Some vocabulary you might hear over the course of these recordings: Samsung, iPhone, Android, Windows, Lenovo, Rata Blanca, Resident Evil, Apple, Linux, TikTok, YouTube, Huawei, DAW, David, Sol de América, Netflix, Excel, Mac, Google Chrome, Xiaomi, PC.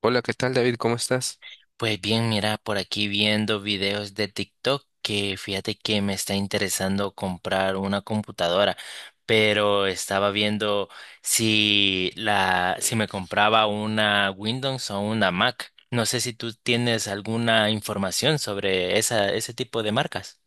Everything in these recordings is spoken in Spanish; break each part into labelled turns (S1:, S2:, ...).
S1: Hola, ¿qué tal, David? ¿Cómo estás?
S2: Pues bien, mira, por aquí viendo videos de TikTok que fíjate que me está interesando comprar una computadora, pero estaba viendo si la, si me compraba una Windows o una Mac. No sé si tú tienes alguna información sobre esa, ese tipo de marcas.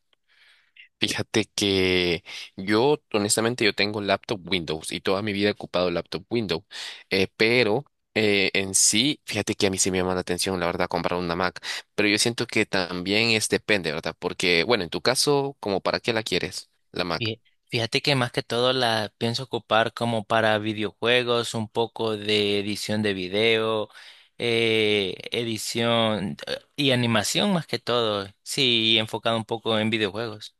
S1: Fíjate que yo, honestamente, yo tengo laptop Windows y toda mi vida he ocupado laptop Windows. Eh, pero en sí, fíjate que a mí sí me llama la atención, la verdad, comprar una Mac, pero yo siento que también es depende, ¿verdad? Porque, bueno, en tu caso, ¿como para qué la quieres, la Mac?
S2: Fí- Fíjate que más que todo la pienso ocupar como para videojuegos, un poco de edición de video, edición y animación más que todo. Sí, enfocado un poco en videojuegos.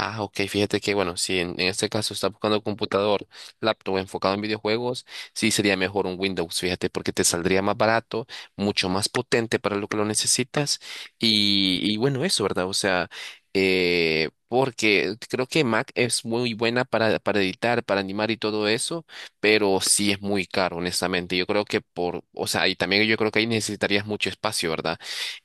S1: Ah, ok, fíjate que bueno, si en este caso estás buscando computador, laptop enfocado en videojuegos, sí sería mejor un Windows, fíjate, porque te saldría más barato, mucho más potente para lo que lo necesitas y bueno, eso, ¿verdad? O sea, porque creo que Mac es muy buena para editar, para animar y todo eso, pero sí es muy caro, honestamente. Yo creo que por, o sea, y también yo creo que ahí necesitarías mucho espacio, ¿verdad?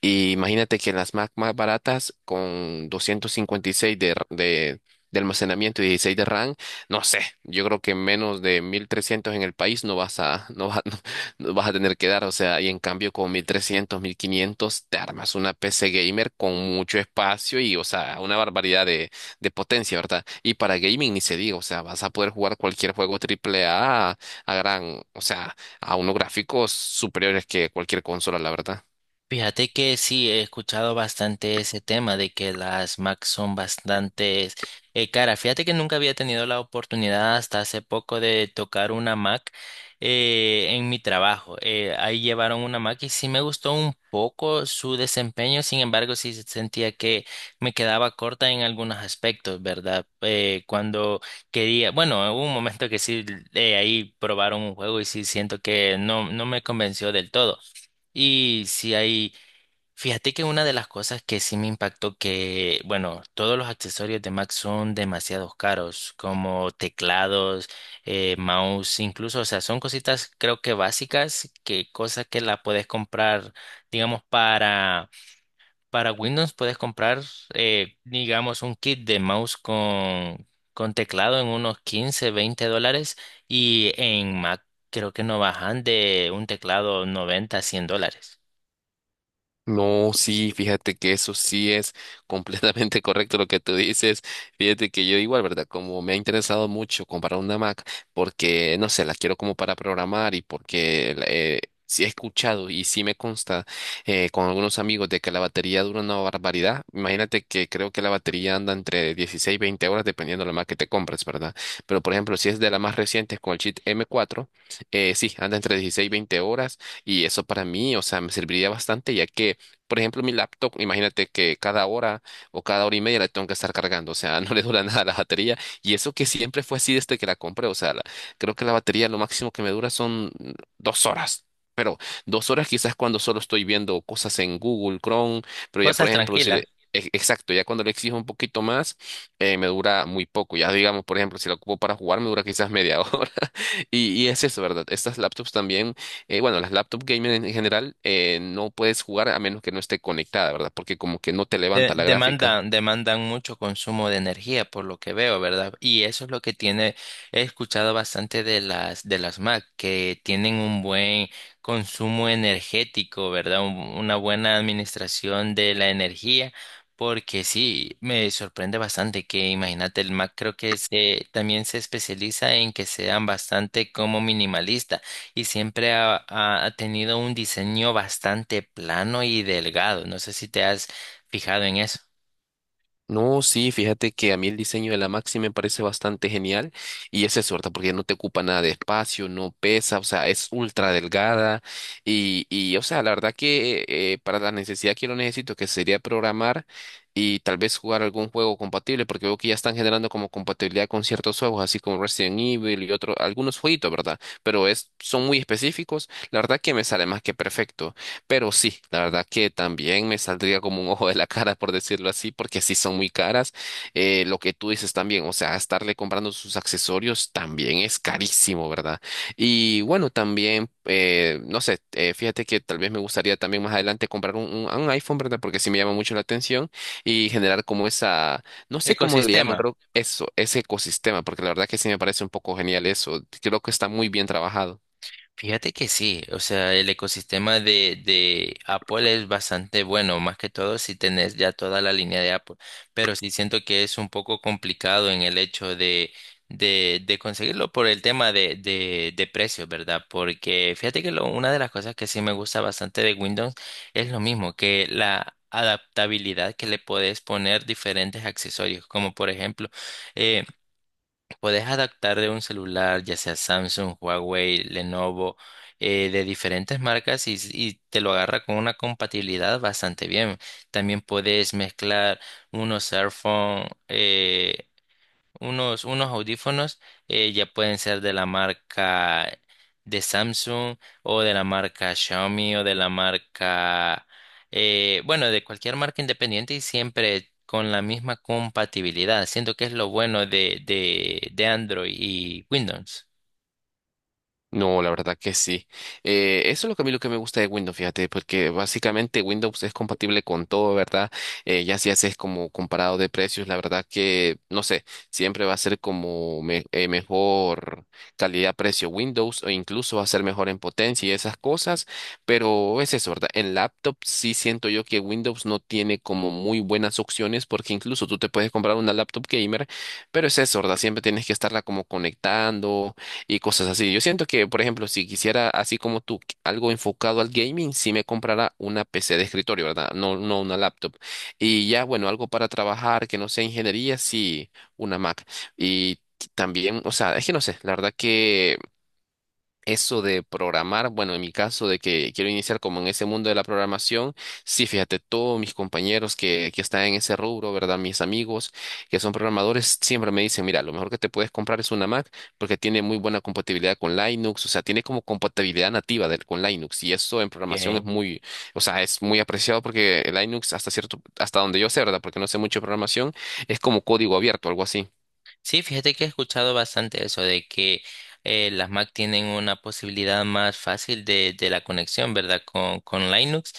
S1: Y imagínate que las Mac más baratas con 256 de almacenamiento y 16 de RAM, no sé, yo creo que menos de 1300 en el país no vas a, no vas, no vas a tener que dar. O sea, y en cambio con 1300 1500 te armas una PC gamer con mucho espacio y, o sea, una barbaridad de potencia, ¿verdad? Y para gaming ni se diga, o sea, vas a poder jugar cualquier juego triple A a gran, o sea, a unos gráficos superiores que cualquier consola, la verdad.
S2: Fíjate que sí, he escuchado bastante ese tema de que las Mac son bastante caras. Fíjate que nunca había tenido la oportunidad hasta hace poco de tocar una Mac en mi trabajo. Ahí llevaron una Mac y sí me gustó un poco su desempeño, sin embargo sí sentía que me quedaba corta en algunos aspectos, ¿verdad? Cuando quería, bueno, hubo un momento que sí, ahí probaron un juego y sí siento que no, no me convenció del todo. Y si hay fíjate que una de las cosas que sí me impactó que, bueno, todos los accesorios de Mac son demasiado caros, como teclados, mouse, incluso, o sea, son cositas creo que básicas, que cosas que la puedes comprar, digamos, para Windows puedes comprar, digamos, un kit de mouse con teclado en unos 15 20 dólares y en Mac creo que no bajan de un teclado 90 100 dólares.
S1: No, sí, fíjate que eso sí es completamente correcto lo que tú dices. Fíjate que yo igual, ¿verdad? Como me ha interesado mucho comprar una Mac porque, no sé, la quiero como para programar y porque sí he escuchado y sí me consta con algunos amigos de que la batería dura una barbaridad. Imagínate que creo que la batería anda entre 16 y 20 horas dependiendo de la Mac que te compres, ¿verdad? Pero, por ejemplo, si es de las más recientes con el chip m cuatro, sí, anda entre 16 y 20 horas y eso para mí, o sea, me serviría bastante ya que por ejemplo, mi laptop, imagínate que cada hora o cada hora y media la tengo que estar cargando, o sea, no le dura nada la batería. Y eso que siempre fue así desde que la compré, o sea, la- creo que la batería lo máximo que me dura son 2 horas. Pero 2 horas quizás cuando solo estoy viendo cosas en Google, Chrome, pero ya por
S2: Cosas
S1: ejemplo, si le,
S2: tranquilas.
S1: e- exacto, ya cuando le exijo un poquito más, me dura muy poco. Ya digamos, por ejemplo, si la ocupo para jugar, me dura quizás media hora. Y es eso, ¿verdad? Estas laptops también bueno, las laptop gamer en general, no puedes jugar a menos que no esté conectada, ¿verdad? Porque como que no te levanta la gráfica.
S2: Demandan mucho consumo de energía, por lo que veo, ¿verdad? Y eso es lo que tiene, he escuchado bastante de las Mac, que tienen un buen consumo energético, ¿verdad? Una buena administración de la energía, porque sí, me sorprende bastante que, imagínate, el Mac creo que se, también se especializa en que sean bastante como minimalista y siempre ha, ha tenido un diseño bastante plano y delgado. No sé si te has fijado en eso.
S1: No, sí, fíjate que a mí el diseño de la Maxi me parece bastante genial y esa es suerte porque no te ocupa nada de espacio, no pesa, o sea, es ultra delgada y o sea, la verdad que para la necesidad que lo necesito, que sería programar y tal vez jugar algún juego compatible, porque veo que ya están generando como compatibilidad con ciertos juegos, así como Resident Evil y otros, algunos jueguitos, ¿verdad? Pero es, son muy específicos, la verdad que me sale más que perfecto. Pero sí, la verdad que también me saldría como un ojo de la cara, por decirlo así, porque sí son muy caras. Lo que tú dices también, o sea, estarle comprando sus accesorios también es carísimo, ¿verdad? Y bueno, también, no sé, fíjate que tal vez me gustaría también más adelante comprar un iPhone, ¿verdad? Porque sí me llama mucho la atención y generar como esa, no sé cómo le llaman,
S2: Ecosistema.
S1: creo eso, ese ecosistema, porque la verdad que sí me parece un poco genial eso. Creo que está muy bien trabajado.
S2: Fíjate que sí, o sea, el ecosistema de Apple es bastante bueno, más que todo si tenés ya toda la línea de Apple, pero sí siento que es un poco complicado en el hecho de conseguirlo por el tema de precios, ¿verdad? Porque fíjate que una de las cosas que sí me gusta bastante de Windows es lo mismo, que la adaptabilidad que le podés poner diferentes accesorios, como por ejemplo... eh, Puedes adaptar de un celular, ya sea Samsung, Huawei, Lenovo, de diferentes marcas y te lo agarra con una compatibilidad bastante bien. También puedes mezclar unos Airphone unos, unos audífonos ya pueden ser de la marca de Samsung o de la marca Xiaomi o de la marca, bueno, de cualquier marca independiente y siempre con la misma compatibilidad. Siento que es lo bueno de Android y Windows.
S1: No, la verdad que sí. Eso es lo que a mí lo que me gusta de Windows, fíjate, porque básicamente Windows es compatible con todo, ¿verdad? Ya si haces como comparado de precios, la verdad que, no sé, siempre va a ser como mejor calidad-precio Windows o incluso va a ser mejor en potencia y esas cosas, pero es eso, ¿verdad? En laptop sí siento yo que Windows no tiene como muy buenas opciones porque incluso tú te puedes comprar una laptop gamer, pero es eso, ¿verdad? Siempre tienes que estarla como conectando y cosas así. Yo siento que, por ejemplo, si quisiera, así como tú, qu- algo enfocado al gaming, sí me comprara una PC de escritorio, ¿verdad? No, no una laptop. Y ya, bueno, algo para trabajar que no sea ingeniería, sí, una Mac. Y también, o sea, es que no sé, la verdad que eso de programar, bueno, en mi caso de que quiero iniciar como en ese mundo de la programación, sí, fíjate, todos mis compañeros que están en ese rubro, ¿verdad? Mis amigos que son programadores siempre me dicen, mira, lo mejor que te puedes comprar es una Mac porque tiene muy buena compatibilidad con Linux, o sea, tiene como compatibilidad nativa del, con Linux y eso en programación es
S2: Ok.
S1: muy, o sea, es muy apreciado porque el Linux hasta cierto, hasta donde yo sé, ¿verdad? Porque no sé mucho de programación, es como código abierto, algo así.
S2: Sí, fíjate que he escuchado bastante eso de que las Mac tienen una posibilidad más fácil de la conexión, ¿verdad? Con Linux.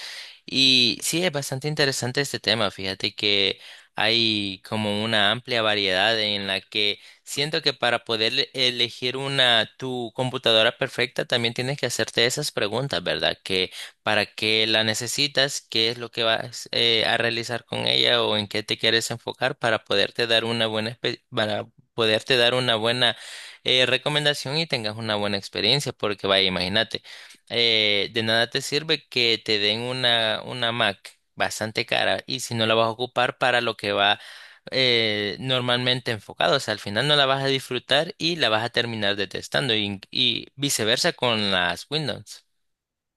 S2: Y sí, es bastante interesante este tema. Fíjate que hay como una amplia variedad en la que siento que para poder elegir una tu computadora perfecta también tienes que hacerte esas preguntas, ¿verdad? Que para qué la necesitas, qué es lo que vas a realizar con ella o en qué te quieres enfocar para poderte dar una buena para poderte dar una buena recomendación y tengas una buena experiencia, porque vaya, imagínate, de nada te sirve que te den una Mac bastante cara y si no la vas a ocupar para lo que va normalmente enfocado, o sea, al final no la vas a disfrutar y la vas a terminar detestando y viceversa con las Windows.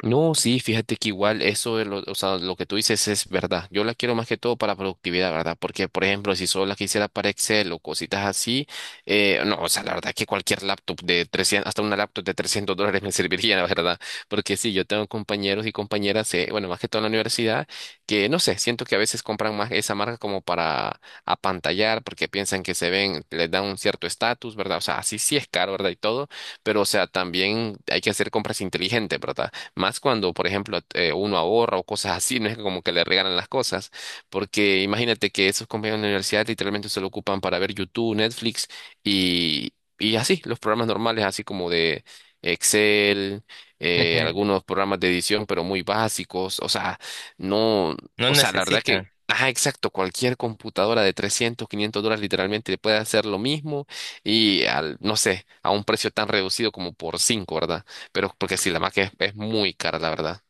S1: No, sí, fíjate que igual eso, de lo, o sea, lo que tú dices es verdad. Yo la quiero más que todo para productividad, ¿verdad? Porque, por ejemplo, si solo la quisiera para Excel o cositas así, no, o sea, la verdad que cualquier laptop de 300, hasta una laptop de $300 me serviría, la verdad. Porque sí, yo tengo compañeros y compañeras, bueno, más que todo en la universidad, que no sé, siento que a veces compran más esa marca como para apantallar, porque piensan que se ven, les dan un cierto estatus, ¿verdad? O sea, así sí es caro, ¿verdad? Y todo, pero, o sea, también hay que hacer compras inteligentes, ¿verdad? Más cuando, por ejemplo, uno ahorra o cosas así, no es que como que le regalan las cosas, porque imagínate que esos compañeros de la universidad literalmente se lo ocupan para ver YouTube, Netflix y, y así, los programas normales, así como de Excel, algunos programas de edición, pero muy básicos, o sea, no,
S2: No
S1: o sea, la verdad que...
S2: necesitan.
S1: Ajá, exacto. Cualquier computadora de 300, $500 literalmente puede hacer lo mismo y al, no sé, a un precio tan reducido como por cinco, ¿verdad? Pero porque sí, la Mac es muy cara, la verdad.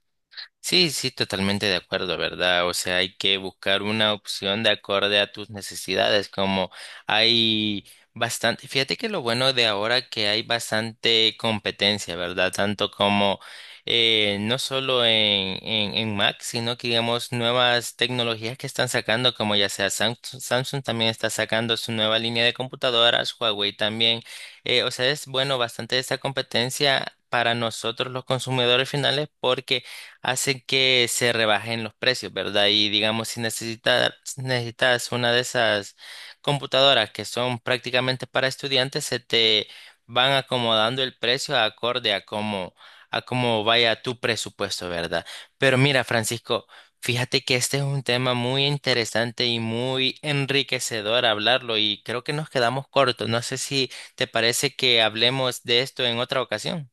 S2: Sí, sí, totalmente de acuerdo, ¿verdad? O sea, hay que buscar una opción de acorde a tus necesidades, como hay bastante, fíjate que lo bueno de ahora que hay bastante competencia, ¿verdad? Tanto como no solo en Mac, sino que digamos nuevas tecnologías que están sacando, como ya sea Samsung, Samsung también está sacando su nueva línea de computadoras, Huawei también. O sea, es bueno bastante esta competencia. Para nosotros los consumidores finales porque hacen que se rebajen los precios, ¿verdad? Y digamos, si necesitas, necesitas una de esas computadoras que son prácticamente para estudiantes, se te van acomodando el precio acorde a cómo vaya tu presupuesto, ¿verdad? Pero mira, Francisco, fíjate que este es un tema muy interesante y muy enriquecedor hablarlo y creo que nos quedamos cortos. No sé si te parece que hablemos de esto en otra ocasión.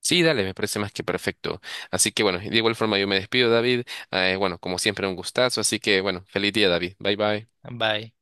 S1: Sí, dale, me parece más que perfecto. Así que bueno, de igual forma yo me despido, David. Bueno, como siempre, un gustazo. Así que bueno, feliz día, David. Bye bye.
S2: Bye.